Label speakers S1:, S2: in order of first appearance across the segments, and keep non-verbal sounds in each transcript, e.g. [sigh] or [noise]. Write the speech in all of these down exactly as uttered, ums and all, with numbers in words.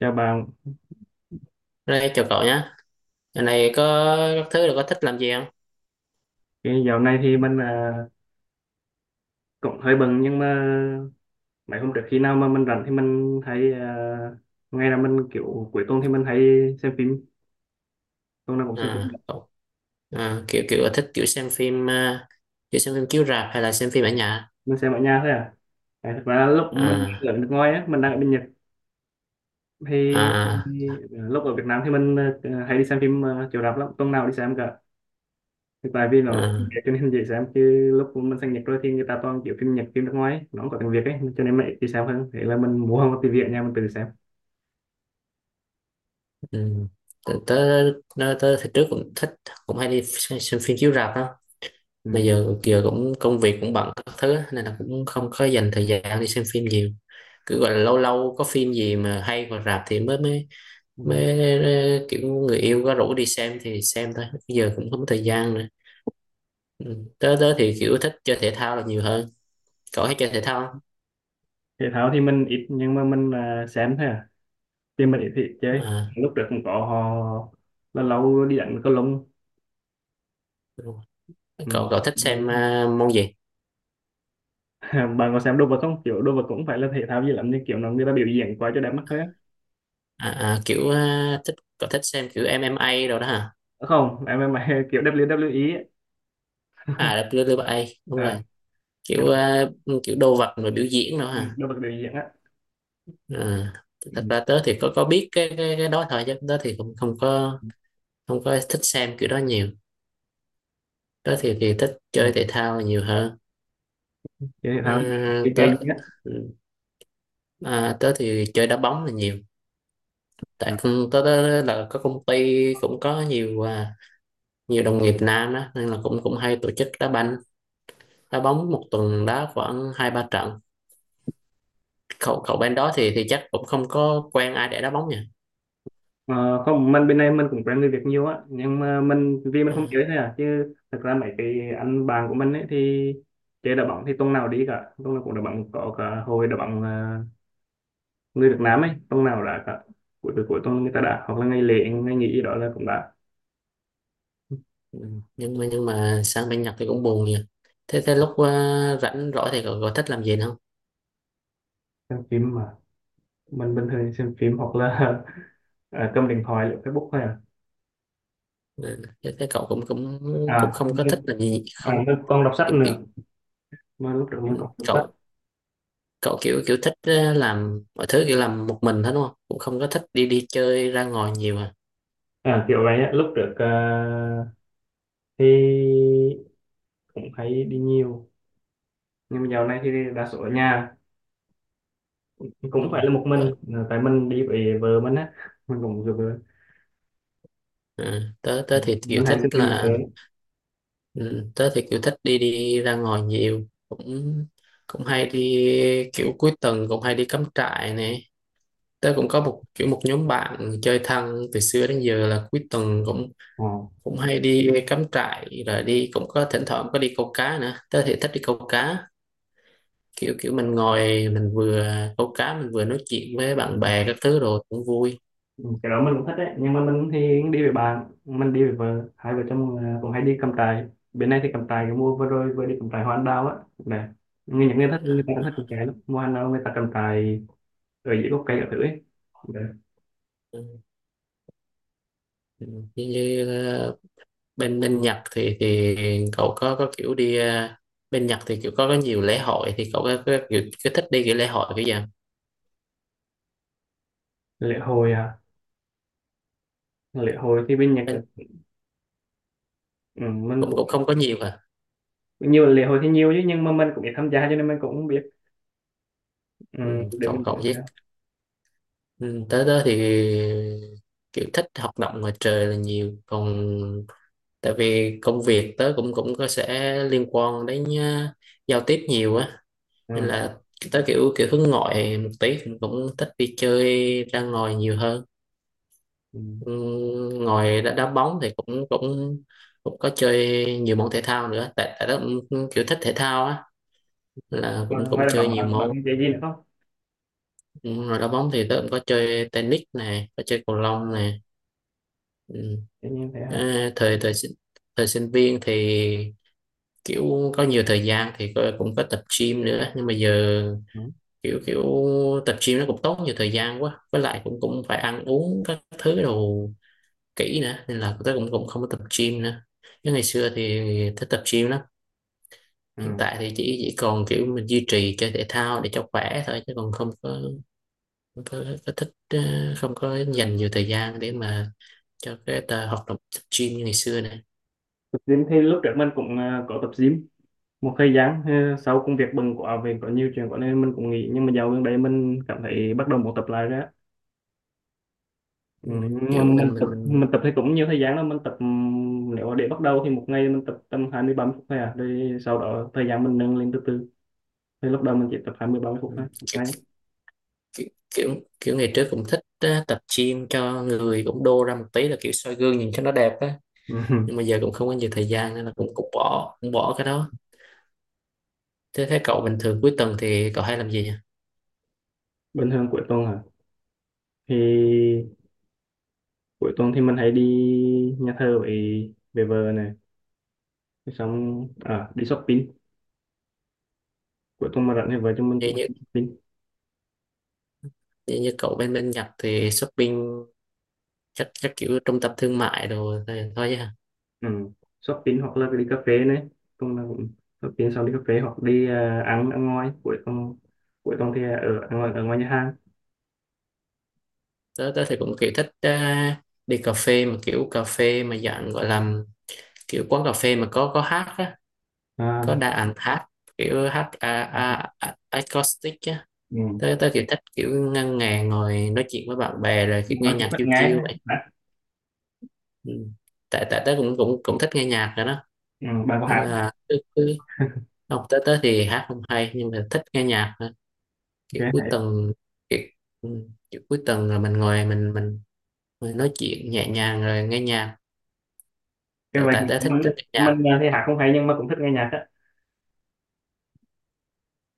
S1: Chào bạn,
S2: Đây chào cậu nhé. Giờ này có các thứ là có thích làm gì không?
S1: cái dạo này thì mình à, cũng hơi bận nhưng mà mấy hôm trước khi nào mà mình rảnh thì mình hay à, ngay là mình kiểu cuối tuần thì mình hay xem phim, tuần nào cũng xem phim,
S2: À, cậu à, kiểu kiểu có thích kiểu xem phim à, kiểu xem phim chiếu rạp hay là xem phim ở nhà?
S1: mình xem ở nhà thôi à. À, thực ra lúc mình
S2: À,
S1: ở nước ngoài á, mình đang ở bên Nhật thì,
S2: à,
S1: thì lúc ở Việt Nam thì mình à, hay đi xem phim uh, chiếu rạp lắm, tuần nào đi xem cả. Thì tại vì nó
S2: à,
S1: cho nên dễ xem chứ lúc mình sang Nhật rồi thì người ta toàn kiểu phim Nhật, phim nước ngoài ấy, nó không có tiếng Việt ấy, cho nên mẹ đi xem hơn. Thế là mình mua một tivi ở nhà mình tự xem.
S2: ừ. Tớ, tớ, tớ, tớ thì trước cũng thích cũng hay đi xem, xem phim chiếu rạp đó. Bây
S1: Ừ.
S2: giờ giờ cũng công việc cũng bận các thứ á, nên là cũng không có dành thời gian đi xem phim nhiều. Cứ gọi là lâu lâu có phim gì mà hay vào rạp thì mới mới
S1: Ừ.
S2: mới ờ, kiểu người yêu có rủ đi xem thì xem thôi. Bây giờ cũng không có thời gian nữa. Ừ. Tớ tớ thì kiểu thích chơi thể thao là nhiều hơn. Cậu hay chơi thể thao không?
S1: Thể thao thì mình ít nhưng mà mình à, xem thôi à, thì mình ít, thì ít chơi.
S2: À,
S1: Lúc trước cũng có họ là lâu đi đánh cầu lông.
S2: đúng rồi.
S1: Ừ.
S2: Cậu cậu thích xem
S1: [laughs]
S2: à, môn gì?
S1: Bạn có xem đồ vật không, kiểu đồ vật cũng phải là thể thao gì lắm nhưng kiểu nó người ta biểu diễn quá cho đẹp mắt thôi á.
S2: À, à, kiểu à, thích cậu thích xem kiểu em em a rồi đó hả?
S1: Không em em, [laughs] kiểu đáp liu đáp liu i ấy.
S2: À, vê kép vê kép e đúng rồi.
S1: À, cái
S2: Kiểu
S1: đó.
S2: à, kiểu đồ vật rồi biểu diễn đó
S1: Ừ,
S2: hả?
S1: đồ vật biểu diễn á.
S2: À,
S1: Ừ.
S2: thật ra tớ thì có có biết cái cái, cái đó thôi chứ tớ thì cũng không có không có thích xem kiểu đó nhiều. Tớ thì thì thích
S1: Ừ.
S2: chơi thể thao là nhiều hơn.
S1: Chơi thể
S2: À,
S1: thao thì chơi chơi
S2: tớ
S1: gì á.
S2: ừ, à, tớ thì chơi đá bóng là nhiều.
S1: Ừ.
S2: Tại công- tới đó là có công ty cũng có nhiều à, nhiều đồng nghiệp nam đó nên là cũng cũng hay tổ chức đá banh đá bóng một tuần đá khoảng hai ba trận. Cậu cậu bên đó thì thì chắc cũng không có quen ai để đá bóng nhỉ?
S1: Ờ, không, mình bên này mình cũng quen người Việt nhiều á, nhưng mà mình vì mình không chơi
S2: À,
S1: thôi à, chứ thực ra mấy cái anh bạn của mình ấy thì chơi đá bóng thì tuần nào đi cả, tuần nào cũng đá bóng, có cả hội đá bóng ờ, người Việt Nam ấy, tuần nào đã cả, cuối cuối cuối tuần người ta đã, hoặc là ngày lễ ngày nghỉ gì đó là cũng đã.
S2: ừ. nhưng mà nhưng mà sang bên Nhật thì cũng buồn nhỉ. Thế thế lúc à, rảnh rỗi thì cậu, cậu thích làm gì không?
S1: Xem phim mà, mình bình thường xem phim hoặc là [laughs] ờ, cầm điện thoại lướt Facebook thôi à.
S2: Ừ, thế, thế cậu cũng cũng cũng
S1: À,
S2: không
S1: không
S2: có
S1: biết.
S2: thích làm gì
S1: À,
S2: không?
S1: mình còn đọc sách
S2: Kiểu, kiểu,
S1: nữa, mà lúc trước mình còn đọc sách.
S2: cậu cậu kiểu kiểu thích à, làm mọi thứ kiểu làm một mình hết đúng không, cũng không có thích đi đi chơi ra ngoài nhiều à?
S1: À, kiểu vậy á, lúc trước ờ, thì cũng hay đi nhiều nhưng mà dạo này thì đa số ở nhà, cũng
S2: Ừ.
S1: phải là một mình,
S2: Ờ.
S1: tại mình đi với vợ mình á, mình cũng được rồi.
S2: À, tớ tớ thì kiểu
S1: Mình hay
S2: thích
S1: thích đi với
S2: là
S1: vợ.
S2: ừ, tớ thì kiểu thích đi đi ra ngoài nhiều, cũng cũng hay đi kiểu cuối tuần cũng hay đi cắm trại nè. Tớ cũng có một kiểu một nhóm bạn chơi thân từ xưa đến giờ là cuối tuần cũng
S1: Ờ.
S2: cũng hay đi cắm trại rồi đi cũng có thỉnh thoảng có đi câu cá nữa, tớ thì thích đi câu cá. Kiểu kiểu mình ngồi mình vừa câu cá mình vừa nói chuyện với bạn bè các thứ rồi cũng vui.
S1: Ừ, cái đó mình cũng thích đấy, nhưng mà mình thì đi với bạn, mình đi với vợ, hai vợ chồng à, cũng hay đi cắm trại. Bên này thì cắm trại, cái mua vừa rồi vừa đi cắm trại hoa anh đào á, nè, như những người thích, người ta cũng thích cắm trại lắm, mua hoa anh đào người ta cắm trại ở dưới gốc cây ở thử ấy. Đấy.
S2: Ừ, ừ, như, như bên bên Nhật thì thì cậu có có kiểu đi ờ, bên Nhật thì kiểu có có nhiều lễ hội thì cậu có, có kiểu có thích đi cái lễ hội cái gì không?
S1: Lễ hội à, lễ hội thì bên Nhật,
S2: bên,
S1: ừ, mình
S2: cũng
S1: cũng,
S2: cũng không có nhiều à.
S1: nhiều lễ hội thì nhiều chứ nhưng mà mình cũng ít tham gia cho nên mình cũng không biết, ừ,
S2: Ừ,
S1: để
S2: cậu
S1: mình
S2: cậu
S1: biết.
S2: biết. Ừ, tới đó thì kiểu thích hoạt động ngoài trời là nhiều, còn tại vì công việc tớ cũng cũng có sẽ liên quan đến ờ, giao tiếp nhiều á, nên
S1: Nha.
S2: là tớ kiểu kiểu hướng ngoại một tí cũng cũng thích đi chơi ra ngoài nhiều hơn.
S1: Ừ.
S2: Ừ, ngoài đá, đá bóng thì cũng cũng cũng có chơi nhiều môn thể thao nữa, tại tại đó cũng kiểu thích thể thao á, là
S1: Mà
S2: cũng cũng
S1: ngoài ra
S2: chơi
S1: bạn
S2: nhiều
S1: bạn bạn
S2: môn.
S1: có chơi gì nữa không?
S2: Ừ, rồi đá bóng thì tớ cũng có chơi tennis này, có chơi cầu lông
S1: Ừ.
S2: này. Ừ.
S1: Tự nhiên thế hả?
S2: À, thời thời sinh- thời sinh viên thì kiểu có nhiều thời gian thì có- cũng có tập gym nữa, nhưng mà giờ
S1: Ừ.
S2: kiểu kiểu tập gym nó cũng tốn nhiều thời gian quá, với lại cũng cũng phải ăn uống các thứ đồ kỹ nữa nên là tớ cũng cũng không có tập gym nữa, chứ ngày xưa thì thích tập gym lắm. Hiện
S1: Ừ.
S2: tại thì chỉ chỉ còn kiểu mình duy trì chơi thể thao để cho khỏe thôi, chứ còn không có không có, có thích ờ, không có dành nhiều thời gian để mà cho cái tờ hoạt động tập gym như ngày xưa này.
S1: Tập gym thì lúc trước mình cũng ờ, có tập gym một thời gian, ờ, sau công việc bận quá vì có nhiều chuyện có nên mình cũng nghỉ, nhưng mà dạo gần đây mình cảm thấy bắt đầu muốn tập lại rồi á.
S2: Ừ,
S1: Ừ. Nhưng mà
S2: kiểu
S1: mình
S2: mình
S1: tập
S2: mình
S1: mình tập thì cũng nhiều thời gian đó, mình tập ừm, nếu mà để bắt đầu thì một ngày mình tập tầm hai mươi ba mươi phút thôi à, rồi sau đó thời gian mình nâng lên từ từ, thì lúc đầu mình chỉ tập hai mươi ba mươi phút thôi
S2: ừ,
S1: một
S2: kiểu,
S1: ngày.
S2: kiểu, kiểu kiểu ngày trước cũng thích ờ, tập gym cho người cũng đô ra một tí là kiểu soi gương nhìn cho nó đẹp á,
S1: Ừ.
S2: nhưng mà
S1: [laughs]
S2: giờ cũng không có nhiều thời gian nên là cũng cũng bỏ cũng bỏ cái đó. Thế thế cậu bình thường cuối tuần thì cậu hay làm gì nhỉ?
S1: Bình thường cuối tuần à, thì cuối tuần thì mình hay đi nhà thờ với về vợ này. Thế xong à, đi shopping, cuối tuần mà rảnh thì vợ chúng mình
S2: như
S1: cũng hay
S2: như,
S1: đi shopping.
S2: như, như cậu bên bên Nhật thì shopping chắc chắc kiểu trung tâm thương mại đồ thì thôi ha.
S1: Ừ. Shopping hoặc là đi cà phê này, tuần nào cũng shopping xong đi cà phê, hoặc đi à, ăn, ăn ngoài cuối tuần, cuối tuần thì ở ăn ngoài, ở ngoài nhà hàng.
S2: Tớ tớ thì cũng kiểu thích ờ, đi cà phê, mà kiểu cà phê mà dạng gọi là kiểu quán cà phê mà có có hát á, có
S1: À,
S2: đa ảnh hát kiểu hát a, a, a, acoustic á.
S1: ừ.
S2: Tớ tớ kiểu thích kiểu ngân nga ngồi nói chuyện với bạn bè rồi kiểu nghe
S1: Nói chuyện
S2: nhạc
S1: thích
S2: chiêu chiêu
S1: nghe
S2: vậy.
S1: đã.
S2: Ừ, tại tại tớ cũng cũng cũng thích nghe nhạc rồi đó,
S1: Ừ. Bạn có
S2: nên
S1: hát,
S2: là cứ, cứ không. Tớ tớ thì hát không hay nhưng mà thích nghe nhạc
S1: ok
S2: kiểu cuối
S1: hay.
S2: tuần kiểu, ừ, kiểu cuối tuần rồi mình ngồi mình mình mình nói chuyện nhẹ nhàng rồi nghe nhạc.
S1: Cái
S2: tại
S1: bài
S2: tại
S1: thì
S2: đã thích
S1: mình á,
S2: thích nghe nhạc,
S1: mình à, thì hát không hay nhưng mà cũng thích nghe nhạc á.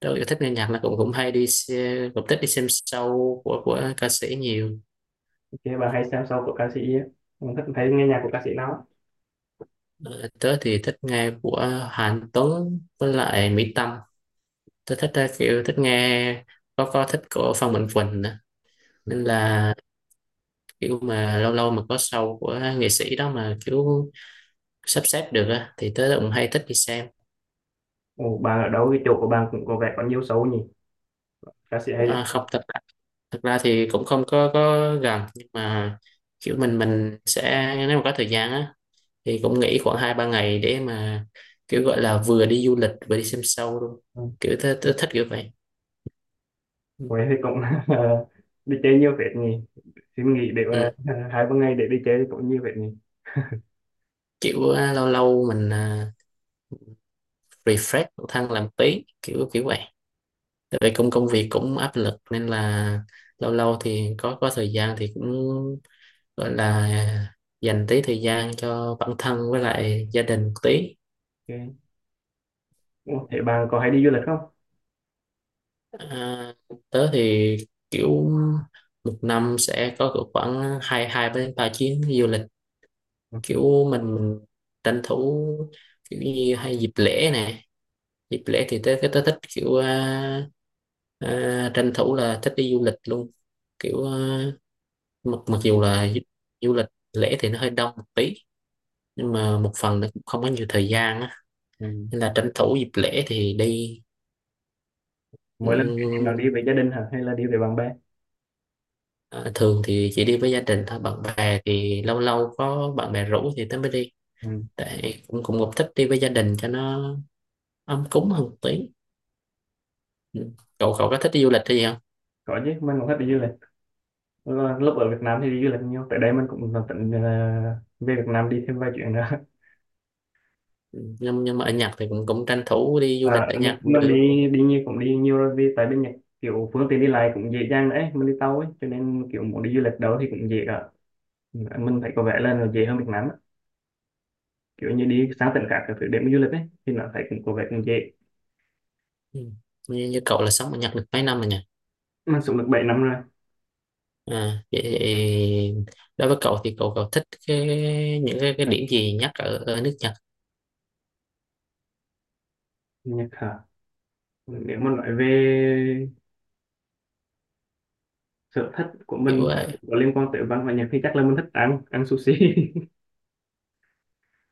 S2: tôi yêu thích nghe nhạc là cũng cũng hay đi xe- cũng thích đi xem show của của ca sĩ nhiều.
S1: Ok, bạn hay xem sau của ca sĩ á, mình thích thấy nghe nhạc của ca sĩ nào á?
S2: Ờ, tớ thì thích nghe của Hàn Tuấn với lại Mỹ Tâm. Tớ thích ờ, kiểu thích nghe có có thích của Phan Mạnh Quỳnh nữa, nên là kiểu mà lâu lâu mà có show của nghệ sĩ đó mà kiểu sắp xếp được á, thì tớ cũng hay thích đi xem.
S1: Ồ, bạn ở đâu, cái chỗ của bạn cũng có vẻ có nhiều show nhỉ, ca sĩ hay đấy.
S2: À, không, thật thực ra thì cũng không có có gần, nhưng mà kiểu mình mình sẽ nếu mà có thời gian á thì cũng nghỉ khoảng hai ba ngày để mà kiểu gọi là vừa đi du lịch vừa đi xem show luôn.
S1: Ừ.
S2: Kiểu thích, thích, thích kiểu vậy. Ừ.
S1: Huế thì cũng [laughs] đi chơi nhiều phết nhỉ. Xin nghỉ để mà
S2: Ừ.
S1: [laughs] hai ba ngày để đi chơi cũng nhiều phết nhỉ.
S2: Kiểu à, lâu lâu mình à, refresh bản thân làm tí kiểu kiểu vậy, tại vì công công việc cũng áp lực nên là lâu lâu thì có có thời gian thì cũng gọi là dành tí thời gian cho bản thân với lại gia đình tí.
S1: Ok. Ủa, thế bạn có hay đi du lịch không?
S2: À, tớ thì kiểu một năm sẽ có cỡ khoảng hai hai đến ba chuyến du lịch.
S1: Ừ.
S2: Kiểu mình mình tranh thủ kiểu như hay dịp lễ nè, dịp lễ thì tớ tớ thích kiểu à, à, tranh thủ là thích đi du lịch luôn. Kiểu à, mặc mặc dù là du, du lịch lễ thì nó hơi đông một tí, nhưng mà một phần nó cũng không có nhiều thời gian á,
S1: Ừ.
S2: nên là tranh thủ dịp lễ thì
S1: Mỗi lần thì bạn đi
S2: đi.
S1: với gia đình hả, hay là đi với bạn bè?
S2: Ờ, thường thì chỉ đi với gia đình thôi, bạn bè thì lâu lâu có bạn bè rủ thì tớ mới đi,
S1: Ừ.
S2: tại cũng cũng cũng thích đi với gia đình cho nó ấm cúng hơn một tí. Ừ, cậu cậu có thích đi du lịch hay gì không?
S1: Có chứ, mình cũng thích đi du lịch. Lúc lúc ở Việt Nam thì đi du lịch nhiều, tại đây mình cũng tính ờ, về Việt Nam đi thêm vài chuyện nữa.
S2: Ừ, nhưng nhưng mà ở Nhật thì cũng cũng tranh thủ đi du lịch
S1: À,
S2: ở Nhật
S1: mình,
S2: cũng
S1: mình
S2: được.
S1: đi đi nhiều, cũng đi nhiều rồi, vì tại bên Nhật kiểu phương tiện đi lại cũng dễ dàng đấy, mình đi tàu ấy cho nên kiểu muốn đi du lịch đâu thì cũng dễ cả. Mình thấy có vẻ là nó dễ hơn Việt Nam á, kiểu như đi sang tỉnh khác các thứ để mà du lịch ấy thì nó thấy cũng có vẻ cũng dễ.
S2: Ừ, như, như cậu là sống ở Nhật được mấy năm rồi nhỉ?
S1: Mình sống được bảy năm rồi.
S2: À, vậy thì đối với cậu thì cậu cậu thích cái, những cái, cái điểm gì nhất ở ở nước Nhật?
S1: Nhật hả, nếu mà nói về sở thích của
S2: Kiểu
S1: mình
S2: ờ,
S1: có liên quan tới văn hóa Nhật thì chắc là mình thích ăn ăn sushi.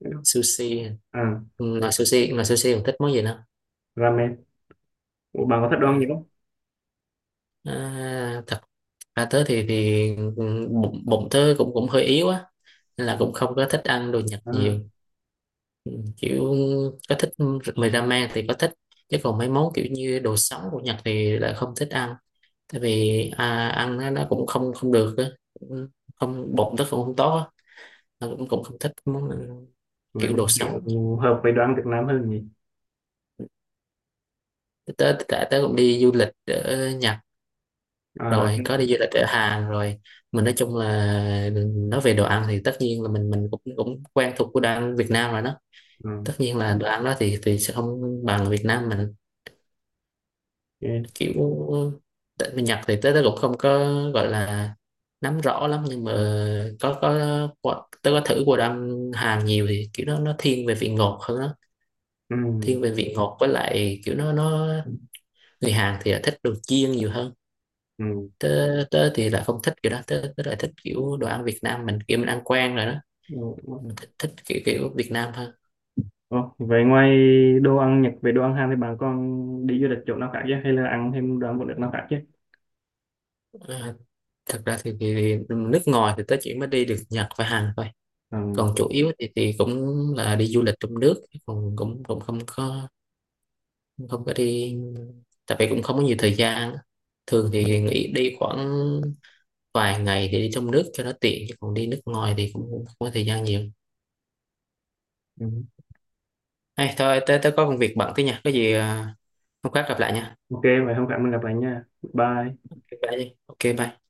S1: [laughs]
S2: sushi.
S1: À,
S2: Ừ, mà sushi mà sushi còn thích món gì nữa?
S1: ramen. Ủa, bạn có thích đồ
S2: À,
S1: ăn gì không?
S2: à, thật ra tớ thì thì ừ, bụng, bụng tớ cũng cũng hơi yếu á nên là cũng không có thích ăn đồ Nhật
S1: À,
S2: nhiều. Ừ, kiểu có thích mì ramen thì có thích, chứ còn mấy món kiểu như đồ sống của Nhật thì lại không thích ăn, tại vì à, ăn nó, nó cũng không không được á. Ừ, không, bụng tớ cũng không tốt á. Tớ cũng cũng không thích món
S1: rồi
S2: kiểu
S1: bạn
S2: đồ sống.
S1: kiểu hợp với đồ ăn Việt Nam hơn nhỉ.
S2: Tớ tớ, tớ cũng đi du lịch ở Nhật
S1: À,
S2: rồi, có đi du lịch ở Hàn rồi. Mình nói chung là, nói về đồ ăn thì tất nhiên là mình mình cũng cũng quen thuộc của đồ ăn Việt Nam rồi đó,
S1: ừ.
S2: tất nhiên là đồ ăn đó thì thì sẽ không bằng Việt Nam mình.
S1: Ok.
S2: Kiểu tại bên Nhật thì tới đó cũng không có gọi là nắm rõ lắm, nhưng mà có có qua- tớ có thử qua đồ ăn Hàn nhiều thì kiểu nó nó thiên về vị ngọt hơn đó,
S1: Ừ.
S2: thiên về vị ngọt với lại kiểu nó nó người Hàn thì thích đồ chiên nhiều hơn.
S1: Ừ.
S2: Tớ, tớ thì lại không thích kiểu đó, tớ, tớ lại thích kiểu đồ ăn Việt Nam mình, kiểu mình ăn quen rồi đó,
S1: Ủa,
S2: mình thích, thích kiểu kiểu Việt Nam hơn.
S1: ủa, vậy ngoài đồ ăn Nhật về đồ ăn Hàn thì bạn còn đi du lịch chỗ nào khác chứ, hay là ăn thêm đồ ăn của nước nào khác chứ?
S2: Ờ, thật ra thì, thì, thì nước ngoài thì tớ chỉ mới đi được Nhật và Hàn thôi,
S1: Ừ.
S2: còn chủ yếu thì thì cũng là đi du lịch trong nước, còn cũng cũng không có, không có đi, tại vì cũng không có nhiều thời gian á. Thường thì nghỉ đi khoảng vài ngày để đi trong nước cho nó tiện, chứ còn đi nước ngoài thì cũng không có thời gian nhiều.
S1: Ừ.
S2: Hay thôi, tớ tớ có công việc bận tí nha, có gì à, hôm khác gặp lại nha.
S1: Ok, vậy hôm khác mình gặp lại nha. Bye.
S2: Bye đi, ok bye.